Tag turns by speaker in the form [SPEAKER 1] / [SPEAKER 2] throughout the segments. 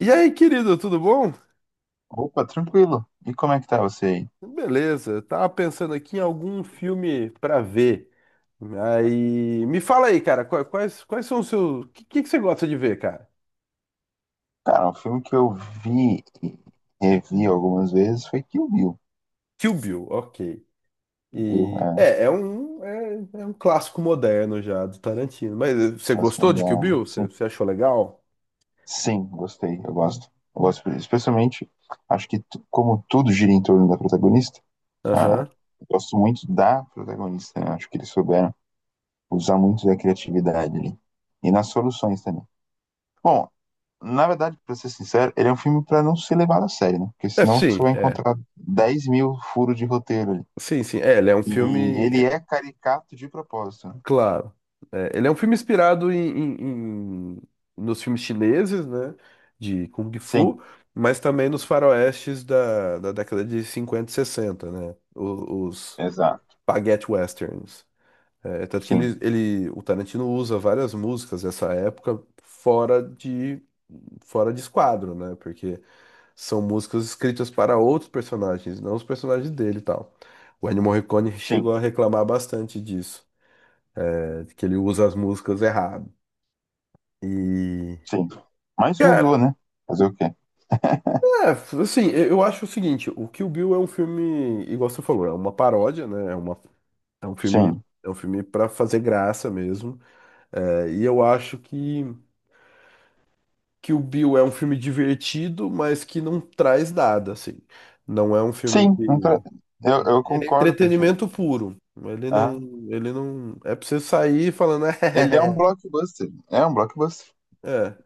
[SPEAKER 1] E aí, querido, tudo bom?
[SPEAKER 2] Opa, tranquilo. E como é que tá você aí?
[SPEAKER 1] Beleza, eu tava pensando aqui em algum filme pra ver. Aí, me fala aí, cara, quais são os seus. O que você gosta de ver, cara?
[SPEAKER 2] Cara, um filme que eu vi e revi algumas vezes foi Kill Bill,
[SPEAKER 1] Kill Bill, ok.
[SPEAKER 2] viu?
[SPEAKER 1] E é, é um, é, é um clássico moderno já do Tarantino. Mas você gostou
[SPEAKER 2] Basicamente,
[SPEAKER 1] de Kill Bill?
[SPEAKER 2] sim,
[SPEAKER 1] Você achou legal?
[SPEAKER 2] sim, gostei, eu gosto. Eu gosto, especialmente, acho que como tudo gira em torno da protagonista, ah,
[SPEAKER 1] Aham.
[SPEAKER 2] eu gosto muito da protagonista, né? Acho que eles souberam usar muito da criatividade ali. E nas soluções também. Bom, na verdade, pra ser sincero, ele é um filme pra não ser levado a sério, né? Porque senão você vai
[SPEAKER 1] É.
[SPEAKER 2] encontrar 10 mil furos de roteiro.
[SPEAKER 1] Sim, sim. É, ele é um
[SPEAKER 2] E
[SPEAKER 1] filme.
[SPEAKER 2] ele é caricato de propósito, né?
[SPEAKER 1] Claro. É, ele é um filme inspirado nos filmes chineses, né? De Kung
[SPEAKER 2] Sim,
[SPEAKER 1] Fu, mas também nos faroestes da, da década de 50 e 60, né?
[SPEAKER 2] exato.
[SPEAKER 1] Spaghetti westerns. É, tanto que
[SPEAKER 2] Sim,
[SPEAKER 1] o Tarantino usa várias músicas dessa época fora de esquadro, né? Porque são músicas escritas para outros personagens, não os personagens dele e tal. O Ennio Morricone
[SPEAKER 2] sim,
[SPEAKER 1] chegou a reclamar bastante disso que ele usa as músicas errado. E.
[SPEAKER 2] sim. Mas
[SPEAKER 1] Cara,
[SPEAKER 2] usou, né? Fazer o quê?
[SPEAKER 1] é, assim, eu acho o seguinte, o Kill Bill é um filme, igual você falou, é uma paródia, né? É uma, é um filme,
[SPEAKER 2] Sim.
[SPEAKER 1] é um filme para fazer graça mesmo. É, e eu acho que Kill Bill é um filme divertido, mas que não traz nada, assim. Não é um filme que.
[SPEAKER 2] Sim, não tra- eu
[SPEAKER 1] Ele é
[SPEAKER 2] concordo contigo.
[SPEAKER 1] entretenimento puro. Ele
[SPEAKER 2] Ah,
[SPEAKER 1] não. Ele não. É pra você sair falando.
[SPEAKER 2] ele é um blockbuster. É um blockbuster.
[SPEAKER 1] É, é,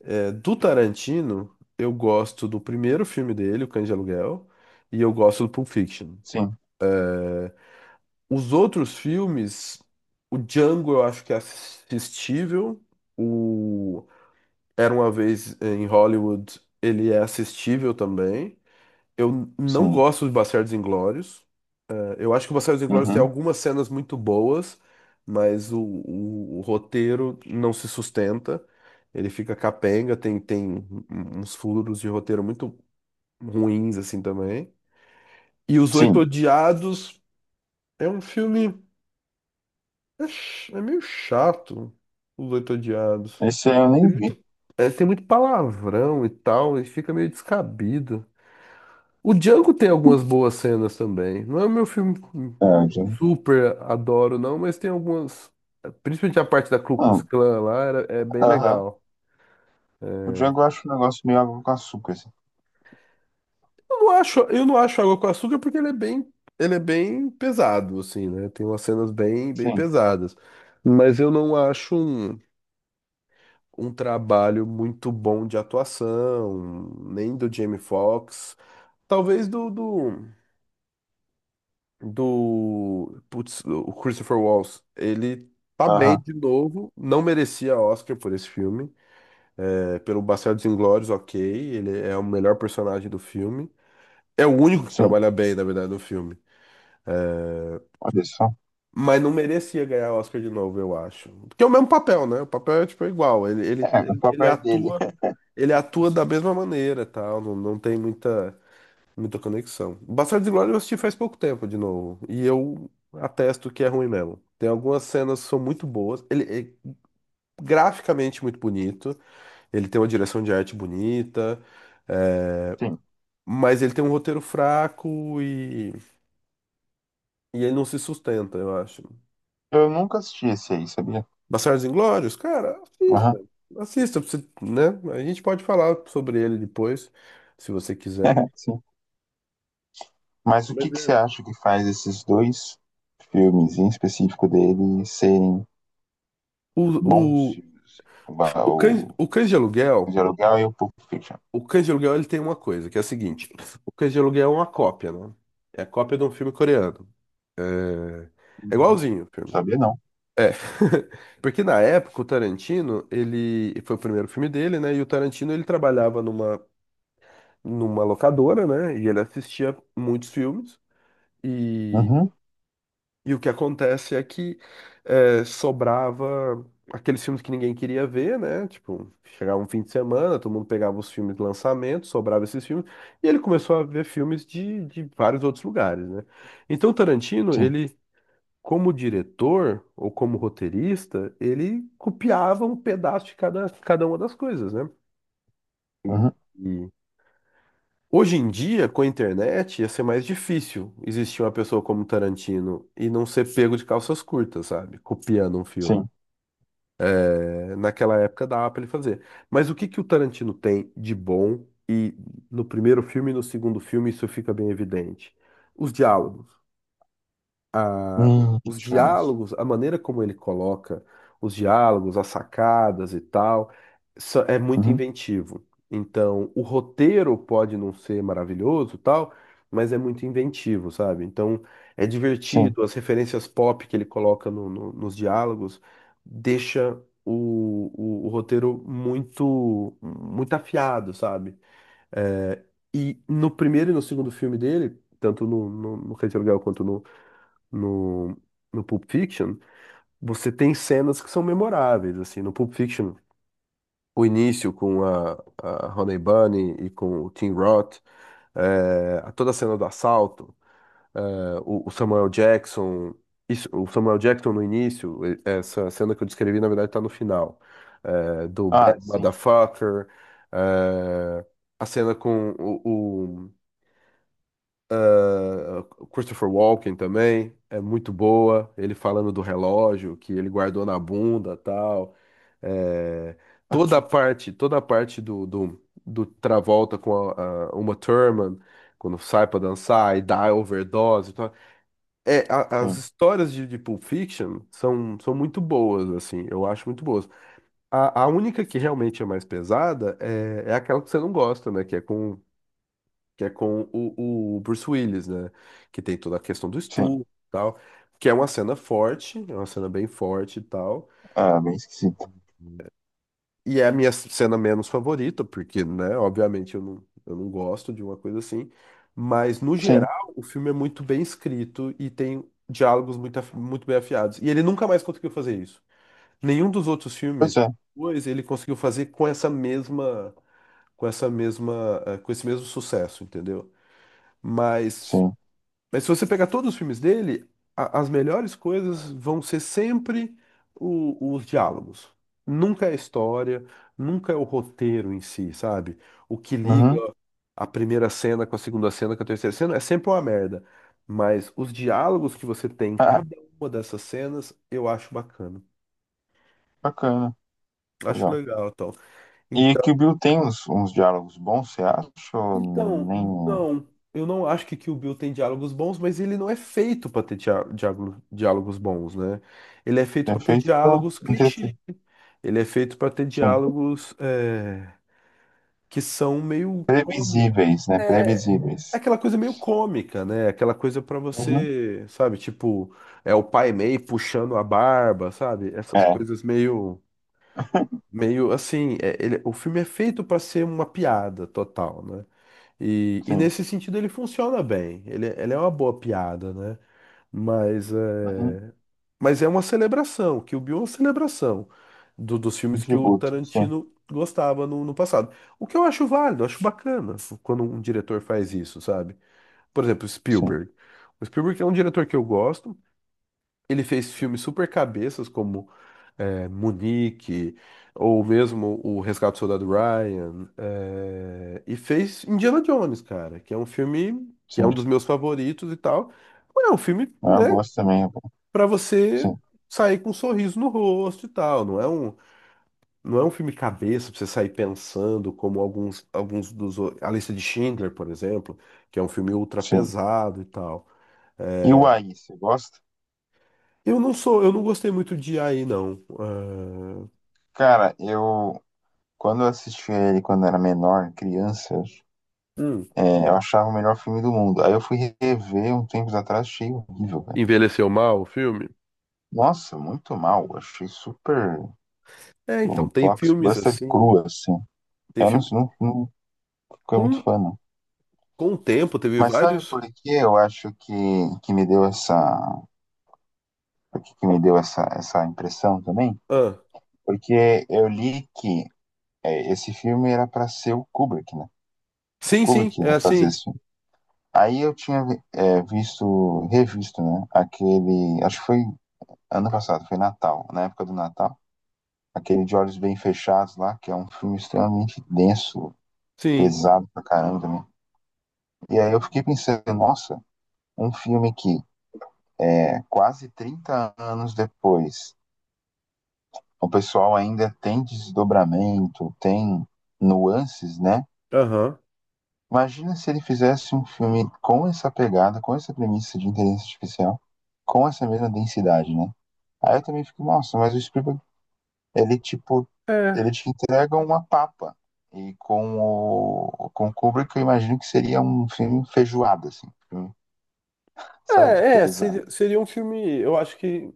[SPEAKER 1] é, é. É, do Tarantino, eu gosto do primeiro filme dele, O Cães de Aluguel, e eu gosto do Pulp Fiction.
[SPEAKER 2] Sim,
[SPEAKER 1] Os outros filmes, o Django eu acho que é assistível, o Era Uma Vez em Hollywood, ele é assistível também. Eu não
[SPEAKER 2] sim.
[SPEAKER 1] gosto de Bastardos Inglórios. É, eu acho que o Bastardos Inglórios tem
[SPEAKER 2] Uhum.
[SPEAKER 1] algumas cenas muito boas, mas o roteiro não se sustenta. Ele fica capenga, tem uns furos de roteiro muito ruins, assim, também. E Os Oito
[SPEAKER 2] Sim.
[SPEAKER 1] Odiados é um filme. É, é meio chato, Os Oito Odiados.
[SPEAKER 2] Esse aí eu
[SPEAKER 1] Tem
[SPEAKER 2] nem vi.
[SPEAKER 1] muito tem muito palavrão e tal, e fica meio descabido. O Django tem algumas boas cenas também. Não é o meu filme
[SPEAKER 2] É,
[SPEAKER 1] que eu
[SPEAKER 2] já...
[SPEAKER 1] super adoro, não, mas tem algumas. Principalmente a parte da Ku Klux
[SPEAKER 2] Hum,
[SPEAKER 1] Klan lá, é bem
[SPEAKER 2] aham.
[SPEAKER 1] legal.
[SPEAKER 2] O Django eu acho um negócio meio água com açúcar, assim.
[SPEAKER 1] Eu não acho Água com Açúcar porque ele é ele é bem pesado, assim, né? Tem umas cenas bem
[SPEAKER 2] Sim,
[SPEAKER 1] pesadas. Mas eu não acho um trabalho muito bom de atuação, nem do Jamie Foxx. Talvez do putz, o Christopher Waltz. Ele tá bem
[SPEAKER 2] aham,
[SPEAKER 1] de novo, não merecia Oscar por esse filme. É, pelo Bastardos Inglórios, ok, ele é o melhor personagem do filme. É o único que
[SPEAKER 2] sim.
[SPEAKER 1] trabalha bem, na verdade, no filme.
[SPEAKER 2] Olha só,
[SPEAKER 1] Mas não merecia ganhar Oscar de novo, eu acho. Porque é o mesmo papel, né? O papel é tipo igual. Ele, ele,
[SPEAKER 2] o
[SPEAKER 1] ele, ele
[SPEAKER 2] papel é dele.
[SPEAKER 1] atua, ele atua da mesma maneira, tal. Não tem muita conexão. Bastardos e Glória eu assisti faz pouco tempo de novo. E eu atesto que é ruim mesmo. Tem algumas cenas que são muito boas. Ele é graficamente muito bonito. Ele tem uma direção de arte bonita. é,
[SPEAKER 2] Sim.
[SPEAKER 1] Mas ele tem um roteiro fraco e ele não se sustenta, eu acho.
[SPEAKER 2] Eu nunca assisti esse aí, sabia?
[SPEAKER 1] Bastardos Inglórios? Cara,
[SPEAKER 2] Aham,
[SPEAKER 1] assista. Assista, pra você, né? A gente pode falar sobre ele depois, se você quiser.
[SPEAKER 2] sim. Mas o que
[SPEAKER 1] Mas
[SPEAKER 2] que você
[SPEAKER 1] é.
[SPEAKER 2] acha que faz esses dois filmes, em específico dele, serem
[SPEAKER 1] O,
[SPEAKER 2] bons
[SPEAKER 1] o,
[SPEAKER 2] filmes? O, Va-
[SPEAKER 1] o
[SPEAKER 2] o
[SPEAKER 1] o Cães de
[SPEAKER 2] De
[SPEAKER 1] Aluguel,
[SPEAKER 2] Aluguel e o Pulp Fiction.
[SPEAKER 1] o Cães de Aluguel ele tem uma coisa, que é a seguinte. O Cães de Aluguel é uma cópia, né? É a cópia de um filme coreano. É, é
[SPEAKER 2] Uhum.
[SPEAKER 1] igualzinho o filme.
[SPEAKER 2] Sabia não.
[SPEAKER 1] É. Porque na época o Tarantino, ele foi o primeiro filme dele, né? E o Tarantino ele trabalhava numa locadora, né? E ele assistia muitos filmes. E
[SPEAKER 2] Uhum.
[SPEAKER 1] E o que acontece é que sobrava aqueles filmes que ninguém queria ver, né? Tipo, chegava um fim de semana, todo mundo pegava os filmes de lançamento, sobrava esses filmes, e ele começou a ver filmes de vários outros lugares, né? Então, Tarantino,
[SPEAKER 2] Sim.
[SPEAKER 1] ele, como diretor ou como roteirista, ele copiava um pedaço de cada uma das coisas, né?
[SPEAKER 2] Uhum.
[SPEAKER 1] E, hoje em dia, com a internet, ia ser mais difícil existir uma pessoa como Tarantino e não ser pego de calças curtas, sabe? Copiando um filme.
[SPEAKER 2] Sim.
[SPEAKER 1] É, naquela época dava pra ele fazer. Mas o que que o Tarantino tem de bom e no primeiro filme e no segundo filme isso fica bem evidente? Os diálogos a-
[SPEAKER 2] Que
[SPEAKER 1] os
[SPEAKER 2] diferença.
[SPEAKER 1] diálogos, a maneira como ele coloca os diálogos, as sacadas e tal, é muito
[SPEAKER 2] Uhum.
[SPEAKER 1] inventivo. Então, o roteiro pode não ser maravilhoso, e tal, mas é muito inventivo, sabe? Então, é
[SPEAKER 2] Sim.
[SPEAKER 1] divertido, as referências pop que ele coloca nos diálogos deixa o roteiro muito afiado, sabe? É, e no primeiro e no segundo filme dele, tanto no Rei de Aluguel quanto no, no Pulp Fiction, você tem cenas que são memoráveis, assim, no Pulp Fiction, o início com a Honey Bunny e com o Tim Roth, a toda a cena do assalto, eh, o Samuel Jackson, isso, o Samuel Jackson no início, essa cena que eu descrevi, na verdade, está no final, do
[SPEAKER 2] Ah,
[SPEAKER 1] Bad
[SPEAKER 2] sim.
[SPEAKER 1] Motherfucker, eh, a cena com o Christopher Walken também é muito boa. Ele falando do relógio que ele guardou na bunda, tal. É, toda a parte do Travolta com a Uma Thurman quando sai pra dançar e dá overdose e tal. É, as
[SPEAKER 2] Sim.
[SPEAKER 1] histórias de Pulp Fiction são muito boas, assim. Eu acho muito boas. A única que realmente é mais pesada é aquela que você não gosta, né? Que é com o Bruce Willis, né? Que tem toda a questão do
[SPEAKER 2] Sim.
[SPEAKER 1] estupro e tal, que é uma cena forte, é uma cena bem forte e tal.
[SPEAKER 2] Ah, bem esquisito.
[SPEAKER 1] E é a minha cena menos favorita, porque, né, obviamente eu não gosto de uma coisa assim. Mas, no
[SPEAKER 2] Sim.
[SPEAKER 1] geral, o filme é muito bem escrito e tem diálogos muito bem afiados. E ele nunca mais conseguiu fazer isso. Nenhum dos outros
[SPEAKER 2] Pois
[SPEAKER 1] filmes,
[SPEAKER 2] é.
[SPEAKER 1] pois, ele conseguiu fazer com com essa mesma, com esse mesmo sucesso, entendeu? Mas
[SPEAKER 2] Sim.
[SPEAKER 1] Mas se você pegar todos os filmes dele, as melhores coisas vão ser sempre os diálogos. Nunca é a história, nunca é o roteiro em si, sabe? O que liga
[SPEAKER 2] Uhum.
[SPEAKER 1] a primeira cena com a segunda cena, com a terceira cena, é sempre uma merda. Mas os diálogos que você tem em
[SPEAKER 2] Ah,
[SPEAKER 1] cada uma dessas cenas, eu acho bacana.
[SPEAKER 2] bacana.
[SPEAKER 1] Acho
[SPEAKER 2] Legal.
[SPEAKER 1] legal, então.
[SPEAKER 2] E que o Bill tem uns diálogos bons, você acha? Ou
[SPEAKER 1] Então,
[SPEAKER 2] nem...
[SPEAKER 1] não. Eu não acho que Kill Bill tem diálogos bons, mas ele não é feito pra ter diálogos bons, né? Ele é feito
[SPEAKER 2] É
[SPEAKER 1] pra ter
[SPEAKER 2] feito pra
[SPEAKER 1] diálogos clichê.
[SPEAKER 2] entreter.
[SPEAKER 1] Ele é feito pra ter
[SPEAKER 2] Sim.
[SPEAKER 1] diálogos que são meio cômico.
[SPEAKER 2] Previsíveis, né?
[SPEAKER 1] É
[SPEAKER 2] Previsíveis.
[SPEAKER 1] aquela coisa meio cômica, né? Aquela coisa pra
[SPEAKER 2] Uhum.
[SPEAKER 1] você, sabe? Tipo, é o pai meio puxando a barba, sabe? Essas
[SPEAKER 2] É,
[SPEAKER 1] coisas meio assim. O filme é feito pra ser uma piada total, né? E
[SPEAKER 2] sim.
[SPEAKER 1] nesse sentido ele funciona bem. Ele é uma boa piada, né? Mas é,
[SPEAKER 2] Uhum.
[SPEAKER 1] mas é uma celebração, que o Bill é uma celebração dos
[SPEAKER 2] Um
[SPEAKER 1] filmes que o
[SPEAKER 2] tributo, sim,
[SPEAKER 1] Tarantino gostava no passado. O que eu acho válido, eu acho bacana quando um diretor faz isso, sabe? Por exemplo,
[SPEAKER 2] sim,
[SPEAKER 1] Spielberg. O Spielberg é um diretor que eu gosto. Ele fez filmes super cabeças, como Munique, ou mesmo o Resgate do Soldado Ryan, e fez Indiana Jones, cara, que é um filme que é
[SPEAKER 2] sim.
[SPEAKER 1] um dos meus favoritos e tal. Mas é um filme,
[SPEAKER 2] Ah, eu
[SPEAKER 1] né,
[SPEAKER 2] gosto também, é bom.
[SPEAKER 1] pra você
[SPEAKER 2] Sim,
[SPEAKER 1] sair com um sorriso no rosto e tal. Não é um filme cabeça pra você sair pensando, como alguns dos. A Lista de Schindler, por exemplo, que é um filme ultra
[SPEAKER 2] sim.
[SPEAKER 1] pesado e tal.
[SPEAKER 2] E
[SPEAKER 1] É,
[SPEAKER 2] o Aí, você gosta?
[SPEAKER 1] eu eu não gostei muito de aí não. Ah,
[SPEAKER 2] Cara, eu quando eu assisti ele quando era menor, criança,
[SPEAKER 1] hum,
[SPEAKER 2] eu achava o melhor filme do mundo. Aí eu fui rever um tempo atrás, achei horrível, cara.
[SPEAKER 1] envelheceu mal o filme?
[SPEAKER 2] Nossa, muito mal. Achei super
[SPEAKER 1] É, então,
[SPEAKER 2] um
[SPEAKER 1] tem filmes
[SPEAKER 2] blockbuster
[SPEAKER 1] assim.
[SPEAKER 2] cru, assim.
[SPEAKER 1] Tem
[SPEAKER 2] Eu não,
[SPEAKER 1] filme.
[SPEAKER 2] não, não fiquei
[SPEAKER 1] Com,
[SPEAKER 2] muito fã, não.
[SPEAKER 1] com o tempo, teve
[SPEAKER 2] Mas sabe
[SPEAKER 1] vários.
[SPEAKER 2] por que eu acho que por que que me deu essa, essa impressão também?
[SPEAKER 1] Ah,
[SPEAKER 2] Porque eu li que esse filme era para ser o Kubrick, né? O
[SPEAKER 1] sim, sim,
[SPEAKER 2] Kubrick
[SPEAKER 1] é
[SPEAKER 2] ia fazer
[SPEAKER 1] assim.
[SPEAKER 2] esse filme. Aí eu tinha visto, revisto, né? Aquele, acho que foi ano passado, foi Natal, na época do Natal. Aquele De Olhos Bem Fechados lá, que é um filme extremamente denso,
[SPEAKER 1] Sim.
[SPEAKER 2] pesado pra caramba também. E aí eu fiquei pensando, nossa, um filme que é quase 30 anos depois o pessoal ainda tem desdobramento, tem nuances, né?
[SPEAKER 1] Aham.
[SPEAKER 2] Imagina se ele fizesse um filme com essa pegada, com essa premissa de inteligência artificial, com essa mesma densidade, né? Aí eu também fico, nossa, mas o Spielberg, ele tipo,
[SPEAKER 1] É.
[SPEAKER 2] ele te entrega uma papa. E com o Kubrick, eu imagino que seria um filme feijoada, assim, um filme, sabe? Pesado.
[SPEAKER 1] Seria um filme. Eu acho que.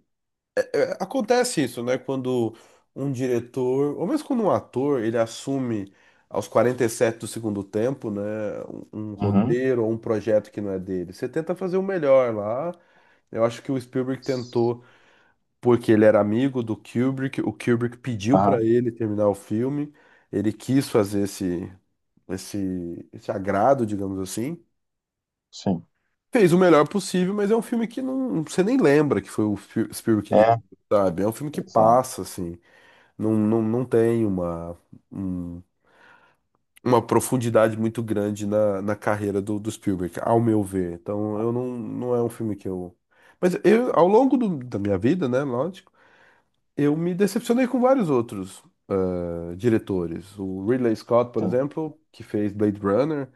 [SPEAKER 1] é, acontece isso, né? Quando um diretor, ou mesmo quando um ator, ele assume aos 47 do segundo tempo, né? Um
[SPEAKER 2] Uhum.
[SPEAKER 1] roteiro ou um projeto que não é dele. Você tenta fazer o melhor lá. Eu acho que o Spielberg tentou, porque ele era amigo do Kubrick, o Kubrick pediu
[SPEAKER 2] Aham,
[SPEAKER 1] para ele terminar o filme, ele quis fazer esse agrado, digamos assim.
[SPEAKER 2] sim.
[SPEAKER 1] Fez o melhor possível, mas é um filme que não, você nem lembra que foi o Spielberg que
[SPEAKER 2] É,
[SPEAKER 1] dirigiu, sabe? É um filme que
[SPEAKER 2] exato.
[SPEAKER 1] passa, assim, não tem um- uma profundidade muito grande na carreira do Spielberg, ao meu ver. Então, eu não, não é um filme que eu... Mas eu, ao longo da minha vida, né, lógico, eu me decepcionei com vários outros diretores. O Ridley Scott, por
[SPEAKER 2] Sim,
[SPEAKER 1] exemplo, que fez Blade Runner,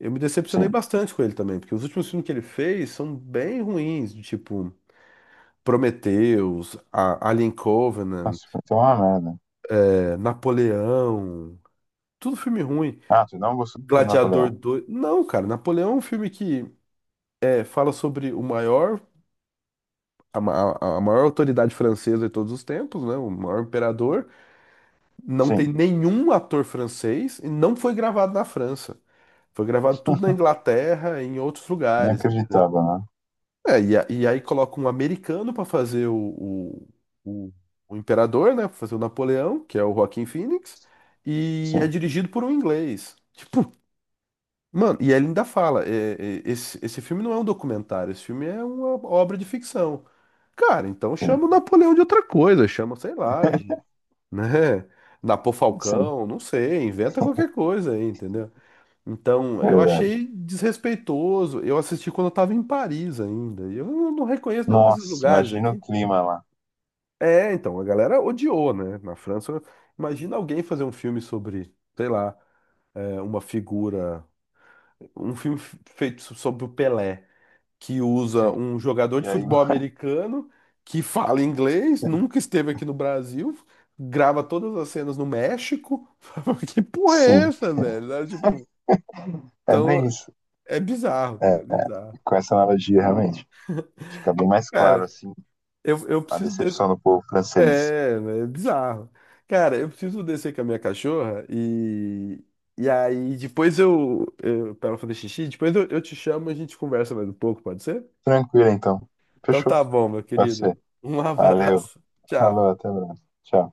[SPEAKER 1] eu me decepcionei
[SPEAKER 2] sim.
[SPEAKER 1] bastante com ele também, porque os últimos filmes que ele fez são bem ruins, de tipo Prometheus, Alien Covenant,
[SPEAKER 2] Nossa, vai ter uma merda.
[SPEAKER 1] Napoleão, tudo filme ruim.
[SPEAKER 2] Ah, tu não gostou do
[SPEAKER 1] Gladiador
[SPEAKER 2] Napoleão?
[SPEAKER 1] dois. Não, cara, Napoleão é um filme que fala sobre o maior, a, ma- a maior autoridade francesa de todos os tempos, né? O maior imperador. Não tem
[SPEAKER 2] Sim,
[SPEAKER 1] nenhum ator francês e não foi gravado na França. Foi gravado tudo na Inglaterra e em outros
[SPEAKER 2] nem
[SPEAKER 1] lugares, entendeu?
[SPEAKER 2] acreditava, né?
[SPEAKER 1] É, e aí coloca um americano para fazer o- o imperador, né? Pra fazer o Napoleão, que é o Joaquin Phoenix, e é
[SPEAKER 2] Sim,
[SPEAKER 1] dirigido por um inglês. Tipo, mano, e ele ainda fala: esse filme não é um documentário, esse filme é uma obra de ficção. Cara, então
[SPEAKER 2] sim,
[SPEAKER 1] chama o Napoleão de outra coisa, chama, sei lá, de né? Napô
[SPEAKER 2] sim,
[SPEAKER 1] Falcão, não sei, inventa qualquer coisa aí, entendeu? Então, eu
[SPEAKER 2] verdade.
[SPEAKER 1] achei desrespeitoso. Eu assisti quando eu tava em Paris ainda. E eu não reconheço nenhum desses
[SPEAKER 2] Nossa,
[SPEAKER 1] lugares
[SPEAKER 2] imagina o
[SPEAKER 1] aqui.
[SPEAKER 2] clima lá.
[SPEAKER 1] É, então, a galera odiou, né? Na França, imagina alguém fazer um filme sobre, sei lá, uma figura, um filme feito sobre o Pelé que usa
[SPEAKER 2] Sim,
[SPEAKER 1] um jogador
[SPEAKER 2] e
[SPEAKER 1] de
[SPEAKER 2] aí,
[SPEAKER 1] futebol americano que fala inglês, nunca esteve aqui no Brasil, grava todas as cenas no México. Que porra é
[SPEAKER 2] sim,
[SPEAKER 1] essa, velho? Sabe, tipo,
[SPEAKER 2] é
[SPEAKER 1] então
[SPEAKER 2] bem isso.
[SPEAKER 1] é
[SPEAKER 2] É,
[SPEAKER 1] bizarro.
[SPEAKER 2] com essa analogia, realmente, fica bem mais claro,
[SPEAKER 1] Cara,
[SPEAKER 2] assim,
[SPEAKER 1] eu
[SPEAKER 2] a
[SPEAKER 1] preciso desse.
[SPEAKER 2] decepção do povo francês.
[SPEAKER 1] É, né, é bizarro. Cara, eu preciso descer com a minha cachorra e. E aí, depois eu para ela fazer xixi, depois eu te chamo e a gente conversa mais um pouco, pode ser?
[SPEAKER 2] Tranquilo, então.
[SPEAKER 1] Então
[SPEAKER 2] Fechou?
[SPEAKER 1] tá bom, meu
[SPEAKER 2] Pode
[SPEAKER 1] querido.
[SPEAKER 2] ser.
[SPEAKER 1] Um
[SPEAKER 2] Valeu.
[SPEAKER 1] abraço.
[SPEAKER 2] Falou,
[SPEAKER 1] Tchau.
[SPEAKER 2] até mais. Tchau.